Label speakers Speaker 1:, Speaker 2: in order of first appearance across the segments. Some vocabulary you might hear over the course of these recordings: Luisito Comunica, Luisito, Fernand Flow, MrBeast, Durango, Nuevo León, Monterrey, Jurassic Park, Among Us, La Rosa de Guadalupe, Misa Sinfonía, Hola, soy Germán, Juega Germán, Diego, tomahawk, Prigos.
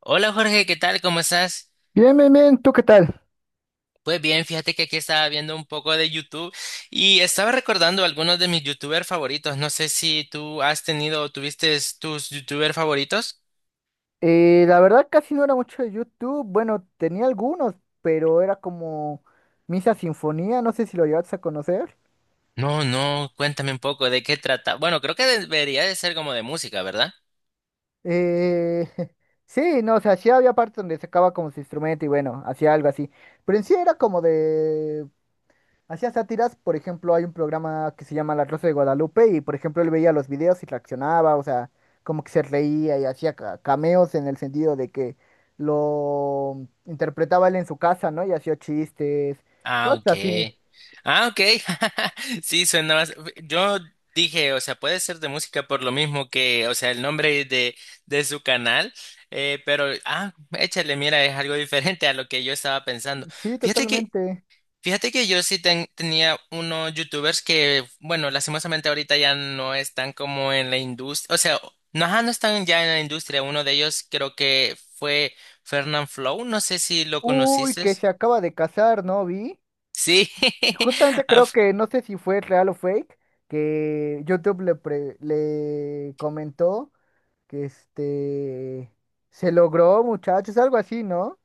Speaker 1: Hola Jorge, ¿qué tal? ¿Cómo estás?
Speaker 2: Bien, bien, bien, ¿tú qué tal?
Speaker 1: Pues bien, fíjate que aquí estaba viendo un poco de YouTube y estaba recordando algunos de mis YouTubers favoritos. No sé si tú has tenido o tuviste tus YouTubers favoritos.
Speaker 2: La verdad casi no era mucho de YouTube, bueno, tenía algunos, pero era como Misa Sinfonía, no sé si lo llegaste a conocer.
Speaker 1: No, no, cuéntame un poco de qué trata. Bueno, creo que debería de ser como de música, ¿verdad?
Speaker 2: Eh, sí, no, o sea, sí había partes donde sacaba como su instrumento y bueno, hacía algo así, pero en sí era como de hacía sátiras, por ejemplo, hay un programa que se llama La Rosa de Guadalupe y, por ejemplo, él veía los videos y reaccionaba, o sea, como que se reía y hacía cameos en el sentido de que lo interpretaba él en su casa, ¿no? Y hacía chistes,
Speaker 1: Ah,
Speaker 2: cosas
Speaker 1: ok.
Speaker 2: así.
Speaker 1: Ah, ok. Sí, suena más. Yo dije, o sea, puede ser de música por lo mismo que, o sea, el nombre de su canal, pero, ah, échale, mira, es algo diferente a lo que yo estaba pensando.
Speaker 2: Sí,
Speaker 1: Fíjate que,
Speaker 2: totalmente.
Speaker 1: fíjate que yo sí tenía unos youtubers que, bueno, lastimosamente ahorita ya no están como en la industria, o sea, no, ajá, no están ya en la industria. Uno de ellos creo que fue Fernand Flow, no sé si lo
Speaker 2: Uy,
Speaker 1: conociste.
Speaker 2: que se acaba de casar, ¿no? Vi.
Speaker 1: Sí.
Speaker 2: Justamente
Speaker 1: a
Speaker 2: creo que, no sé si fue real o fake, que YouTube le le comentó que este se logró, muchachos, algo así, ¿no?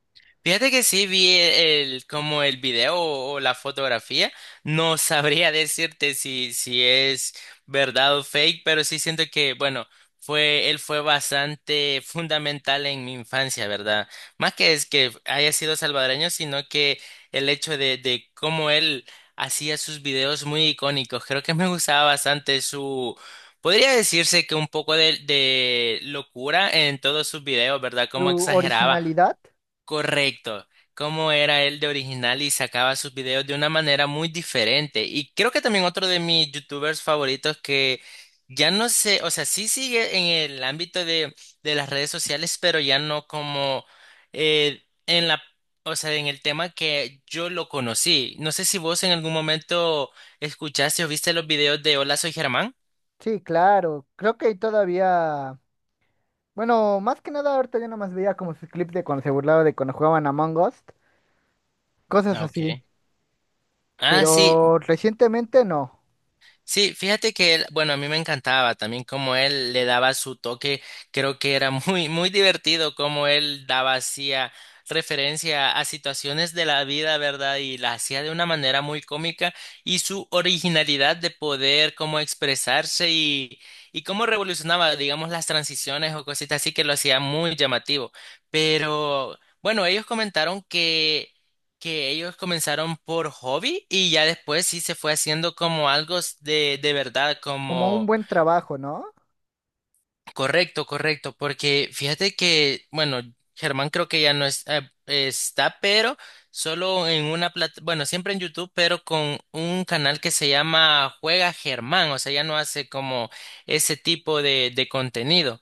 Speaker 1: Fíjate que sí vi el, como el video o la fotografía. No sabría decirte si es verdad o fake, pero sí siento que, bueno, él fue bastante fundamental en mi infancia, ¿verdad? Más que es que haya sido salvadoreño, sino que el hecho de cómo él hacía sus videos muy icónicos. Creo que me gustaba bastante su, podría decirse que un poco de locura en todos sus videos, ¿verdad? Cómo
Speaker 2: Su
Speaker 1: exageraba.
Speaker 2: originalidad,
Speaker 1: Correcto. Cómo era él de original y sacaba sus videos de una manera muy diferente. Y creo que también otro de mis youtubers favoritos que ya no sé, o sea, sí sigue en el ámbito de las redes sociales, pero ya no como en la, o sea, en el tema que yo lo conocí. No sé si vos en algún momento escuchaste o viste los videos de Hola, soy Germán.
Speaker 2: sí, claro. Creo que todavía, bueno, más que nada ahorita yo nomás veía como sus clips de cuando se burlaba de cuando jugaban Among Us, cosas
Speaker 1: Ah,
Speaker 2: así.
Speaker 1: ok. Ah, sí.
Speaker 2: Pero recientemente no,
Speaker 1: Sí, fíjate que él, bueno, a mí me encantaba también cómo él le daba su toque, creo que era muy, muy divertido cómo él daba, hacía referencia a situaciones de la vida, ¿verdad? Y la hacía de una manera muy cómica y su originalidad de poder, cómo expresarse y cómo revolucionaba, digamos, las transiciones o cositas así que lo hacía muy llamativo. Pero bueno, ellos comentaron que ellos comenzaron por hobby y ya después sí se fue haciendo como algo de verdad,
Speaker 2: como un
Speaker 1: como.
Speaker 2: buen trabajo, ¿no?
Speaker 1: Correcto, correcto, porque fíjate que, bueno, Germán creo que ya no está, pero solo en una plata, bueno, siempre en YouTube, pero con un canal que se llama Juega Germán, o sea, ya no hace como ese tipo de contenido.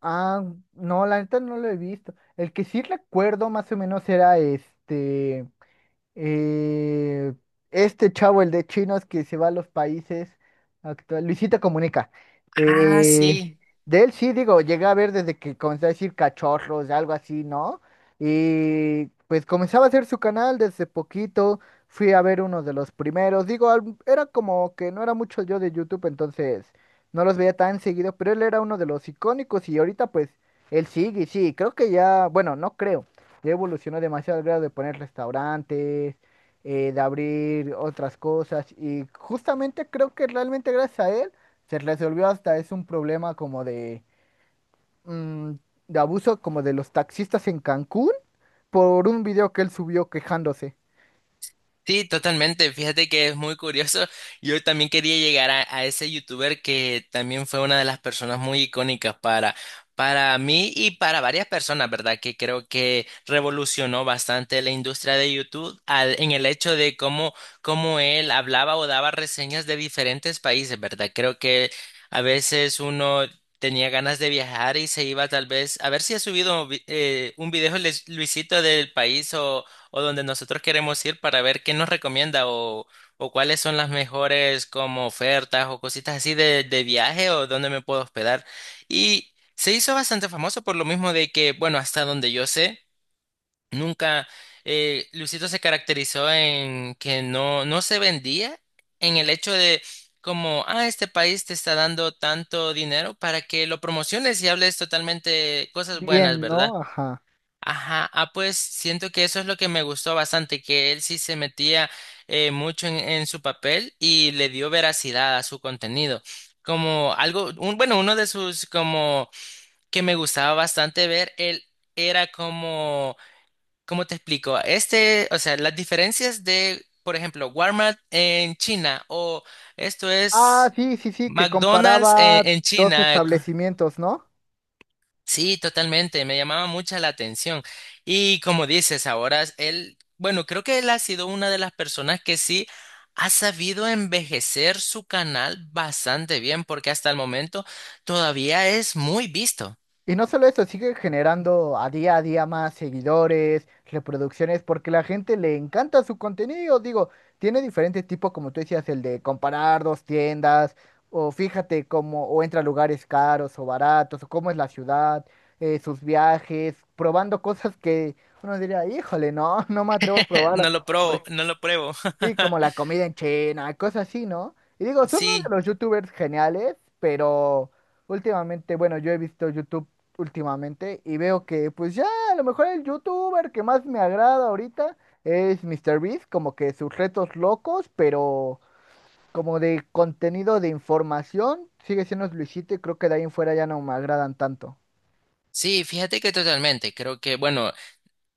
Speaker 2: Ah, no, la neta no lo he visto. El que sí recuerdo más o menos era este, Eh, este chavo, el de chinos que se va a los países actual, Luisito Comunica.
Speaker 1: Ah,
Speaker 2: Eh,
Speaker 1: sí.
Speaker 2: de él sí, digo, llegué a ver desde que comenzó a decir cachorros, algo así, ¿no? Y pues comenzaba a hacer su canal desde poquito. Fui a ver uno de los primeros. Digo, era como que no era mucho yo de YouTube, entonces no los veía tan seguido, pero él era uno de los icónicos y ahorita pues él sigue, y sí, creo que ya, bueno, no creo. Ya evolucionó demasiado al grado de poner restaurantes, de abrir otras cosas y justamente creo que realmente gracias a él se resolvió hasta es un problema como de, mm, de abuso como de los taxistas en Cancún por un video que él subió quejándose.
Speaker 1: Sí, totalmente. Fíjate que es muy curioso. Yo también quería llegar a ese youtuber que también fue una de las personas muy icónicas para mí y para varias personas, ¿verdad? Que creo que revolucionó bastante la industria de YouTube en el hecho de cómo él hablaba o daba reseñas de diferentes países, ¿verdad? Creo que a veces uno tenía ganas de viajar y se iba tal vez a ver si ha subido un video Luisito del país o donde nosotros queremos ir para ver qué nos recomienda o cuáles son las mejores como ofertas o cositas así de viaje o dónde me puedo hospedar. Y se hizo bastante famoso por lo mismo de que, bueno, hasta donde yo sé, nunca Luisito se caracterizó en que no, no se vendía en el hecho de como, ah, este país te está dando tanto dinero para que lo promociones y hables totalmente cosas buenas,
Speaker 2: Bien,
Speaker 1: ¿verdad?
Speaker 2: ¿no? Ajá.
Speaker 1: Ajá, ah, pues siento que eso es lo que me gustó bastante, que él sí se metía mucho en su papel y le dio veracidad a su contenido. Como algo, bueno, uno de sus como que me gustaba bastante ver, él era como, ¿cómo te explico? Este, o sea, las diferencias de, por ejemplo, Walmart en China o esto
Speaker 2: Ah,
Speaker 1: es
Speaker 2: sí, sí, sí, que
Speaker 1: McDonald's en,
Speaker 2: comparaba
Speaker 1: en
Speaker 2: dos
Speaker 1: China.
Speaker 2: establecimientos, ¿no?
Speaker 1: Sí, totalmente, me llamaba mucha la atención. Y como dices, ahora es él, bueno, creo que él ha sido una de las personas que sí ha sabido envejecer su canal bastante bien, porque hasta el momento todavía es muy visto.
Speaker 2: Y no solo eso, sigue generando a día más seguidores, reproducciones, porque la gente le encanta su contenido. Digo, tiene diferentes tipos, como tú decías, el de comparar dos tiendas, o fíjate cómo, o entra a lugares caros o baratos, o cómo es la ciudad, sus viajes, probando cosas que uno diría, híjole, no, no me atrevo a probarlas.
Speaker 1: No lo probo, no lo pruebo.
Speaker 2: Sí, como la comida en China, cosas así, ¿no? Y digo, son uno de
Speaker 1: Sí,
Speaker 2: los youtubers geniales, pero últimamente, bueno, yo he visto YouTube últimamente y veo que pues ya a lo mejor el youtuber que más me agrada ahorita es MrBeast, como que sus retos locos, pero como de contenido de información, sigue siendo Luisito y creo que de ahí en fuera ya no me agradan tanto.
Speaker 1: sí, fíjate que totalmente. Creo que, bueno,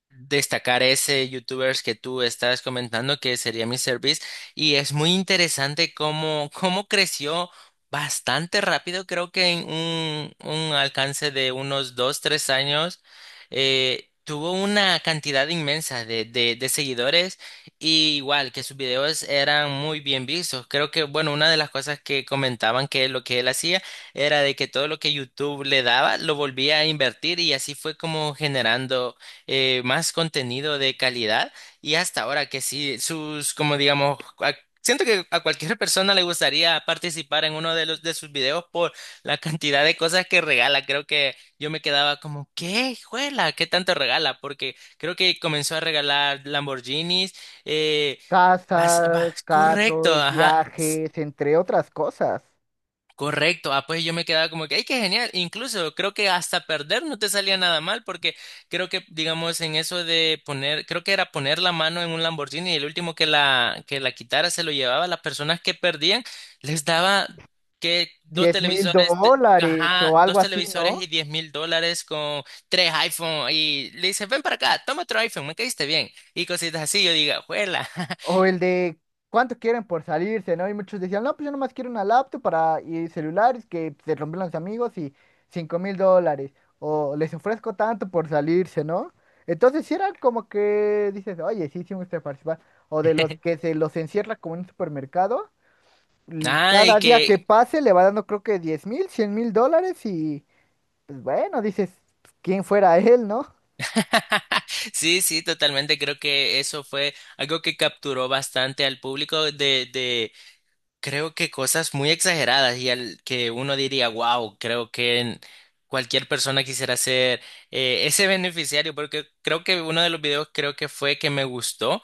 Speaker 1: destacar ese youtubers que tú estabas comentando que sería mi service y es muy interesante cómo creció bastante rápido, creo que en un alcance de unos 2, 3 años. Tuvo una cantidad inmensa de seguidores y igual que sus videos eran muy bien vistos. Creo que, bueno, una de las cosas que comentaban que lo que él hacía era de que todo lo que YouTube le daba lo volvía a invertir y así fue como generando más contenido de calidad y hasta ahora que sí, sus, como digamos, siento que a cualquier persona le gustaría participar en uno de los de sus videos por la cantidad de cosas que regala. Creo que yo me quedaba como, ¿qué, juela? ¿Qué tanto regala? Porque creo que comenzó a regalar Lamborghinis, eh,
Speaker 2: Casas,
Speaker 1: correcto,
Speaker 2: carros,
Speaker 1: ajá.
Speaker 2: viajes, entre otras cosas.
Speaker 1: Correcto, ah, pues yo me quedaba como que, ¡ay, qué genial! Incluso creo que hasta perder no te salía nada mal, porque creo que, digamos, en eso de poner, creo que era poner la mano en un Lamborghini y el último que la quitara se lo llevaba, las personas que perdían les daba que dos
Speaker 2: Diez mil
Speaker 1: televisores,
Speaker 2: dólares
Speaker 1: ajá,
Speaker 2: o algo
Speaker 1: dos
Speaker 2: así,
Speaker 1: televisores y
Speaker 2: ¿no?
Speaker 1: 10.000 dólares con tres iPhone y le dice, ven para acá, toma otro iPhone, me caíste bien. Y cositas así, yo digo, ¡juela!
Speaker 2: O el de cuánto quieren por salirse, ¿no? Y muchos decían, no, pues yo nomás quiero una laptop para y celulares que se rompieron los amigos y $5,000. O les ofrezco tanto por salirse, ¿no? Entonces sí eran como que dices, oye, sí, sí me gusta participar. O de los que se los encierra como en un supermercado.
Speaker 1: Ah, y
Speaker 2: Cada día que
Speaker 1: que.
Speaker 2: pase le va dando creo que 10.000, $100,000 y pues bueno, dices, pues, ¿quién fuera él, no?
Speaker 1: Sí, sí, totalmente. Creo que eso fue algo que capturó bastante al público de creo que cosas muy exageradas y al que uno diría, wow, creo que cualquier persona quisiera ser ese beneficiario, porque creo que uno de los videos creo que fue que me gustó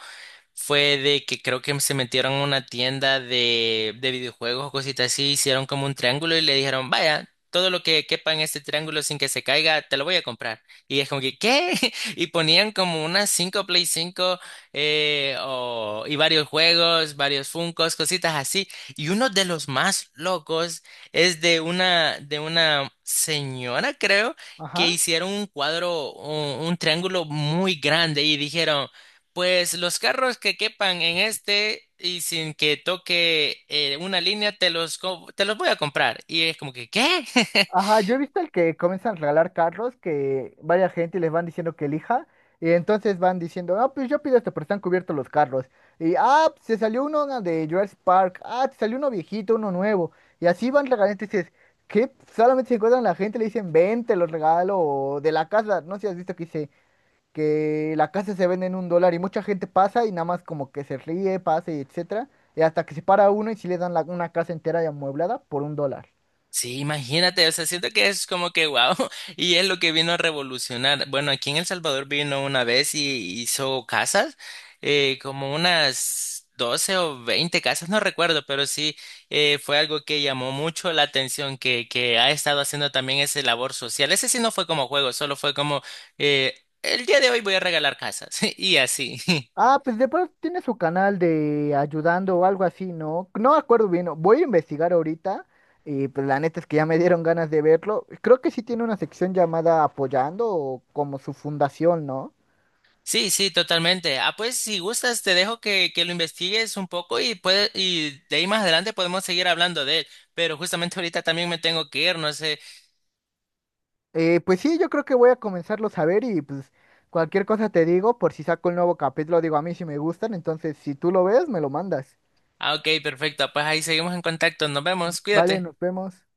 Speaker 1: fue de que creo que se metieron a una tienda de videojuegos o cositas así, hicieron como un triángulo y le dijeron, vaya, todo lo que quepa en este triángulo sin que se caiga, te lo voy a comprar. Y es como que, ¿qué? Y ponían como unas 5 PS5 y varios juegos, varios Funkos, cositas así. Y uno de los más locos es de una señora, creo.
Speaker 2: Ajá.
Speaker 1: Que hicieron un cuadro, un triángulo muy grande y dijeron, pues los carros que quepan en este y sin que toque una línea, te los voy a comprar. Y es como que, ¿qué?
Speaker 2: Ajá, yo he visto el que comienzan a regalar carros, que vaya gente y les van diciendo que elija, y entonces van diciendo, ah, pues yo pido esto, pero están cubiertos los carros. Y, ah, pues, se salió uno de Jurassic Park, ah, te salió uno viejito, uno nuevo, y así van regalando, y dices, ¿qué? Solamente se encuentran la gente, le dicen, ven, te los regalo, o de la casa, no sé si has visto que dice que la casa se vende en $1, y mucha gente pasa y nada más como que se ríe, pasa y etcétera, y hasta que se para uno y si le dan una casa entera y amueblada por $1.
Speaker 1: Sí, imagínate, o sea, siento que es como que wow, y es lo que vino a revolucionar. Bueno, aquí en El Salvador vino una vez y hizo casas, como unas 12 o 20 casas, no recuerdo, pero sí fue algo que llamó mucho la atención, que ha estado haciendo también ese labor social. Ese sí no fue como juego, solo fue como, eh, el día de hoy voy a regalar casas, y así.
Speaker 2: Ah, pues de pronto tiene su canal de ayudando o algo así, ¿no? No me acuerdo bien. ¿No? Voy a investigar ahorita. Y pues la neta es que ya me dieron ganas de verlo. Creo que sí tiene una sección llamada Apoyando o como su fundación, ¿no?
Speaker 1: Sí, sí, totalmente. Ah, pues si gustas, te dejo que lo investigues un poco y, puede, y de ahí más adelante podemos seguir hablando de él. Pero justamente ahorita también me tengo que ir, no sé.
Speaker 2: Pues sí, yo creo que voy a comenzarlo a ver y pues cualquier cosa te digo, por si saco el nuevo capítulo, digo a mí si me gustan, entonces si tú lo ves, me lo mandas.
Speaker 1: Ah, ok, perfecto. Pues ahí seguimos en contacto. Nos vemos.
Speaker 2: Vale,
Speaker 1: Cuídate.
Speaker 2: nos vemos.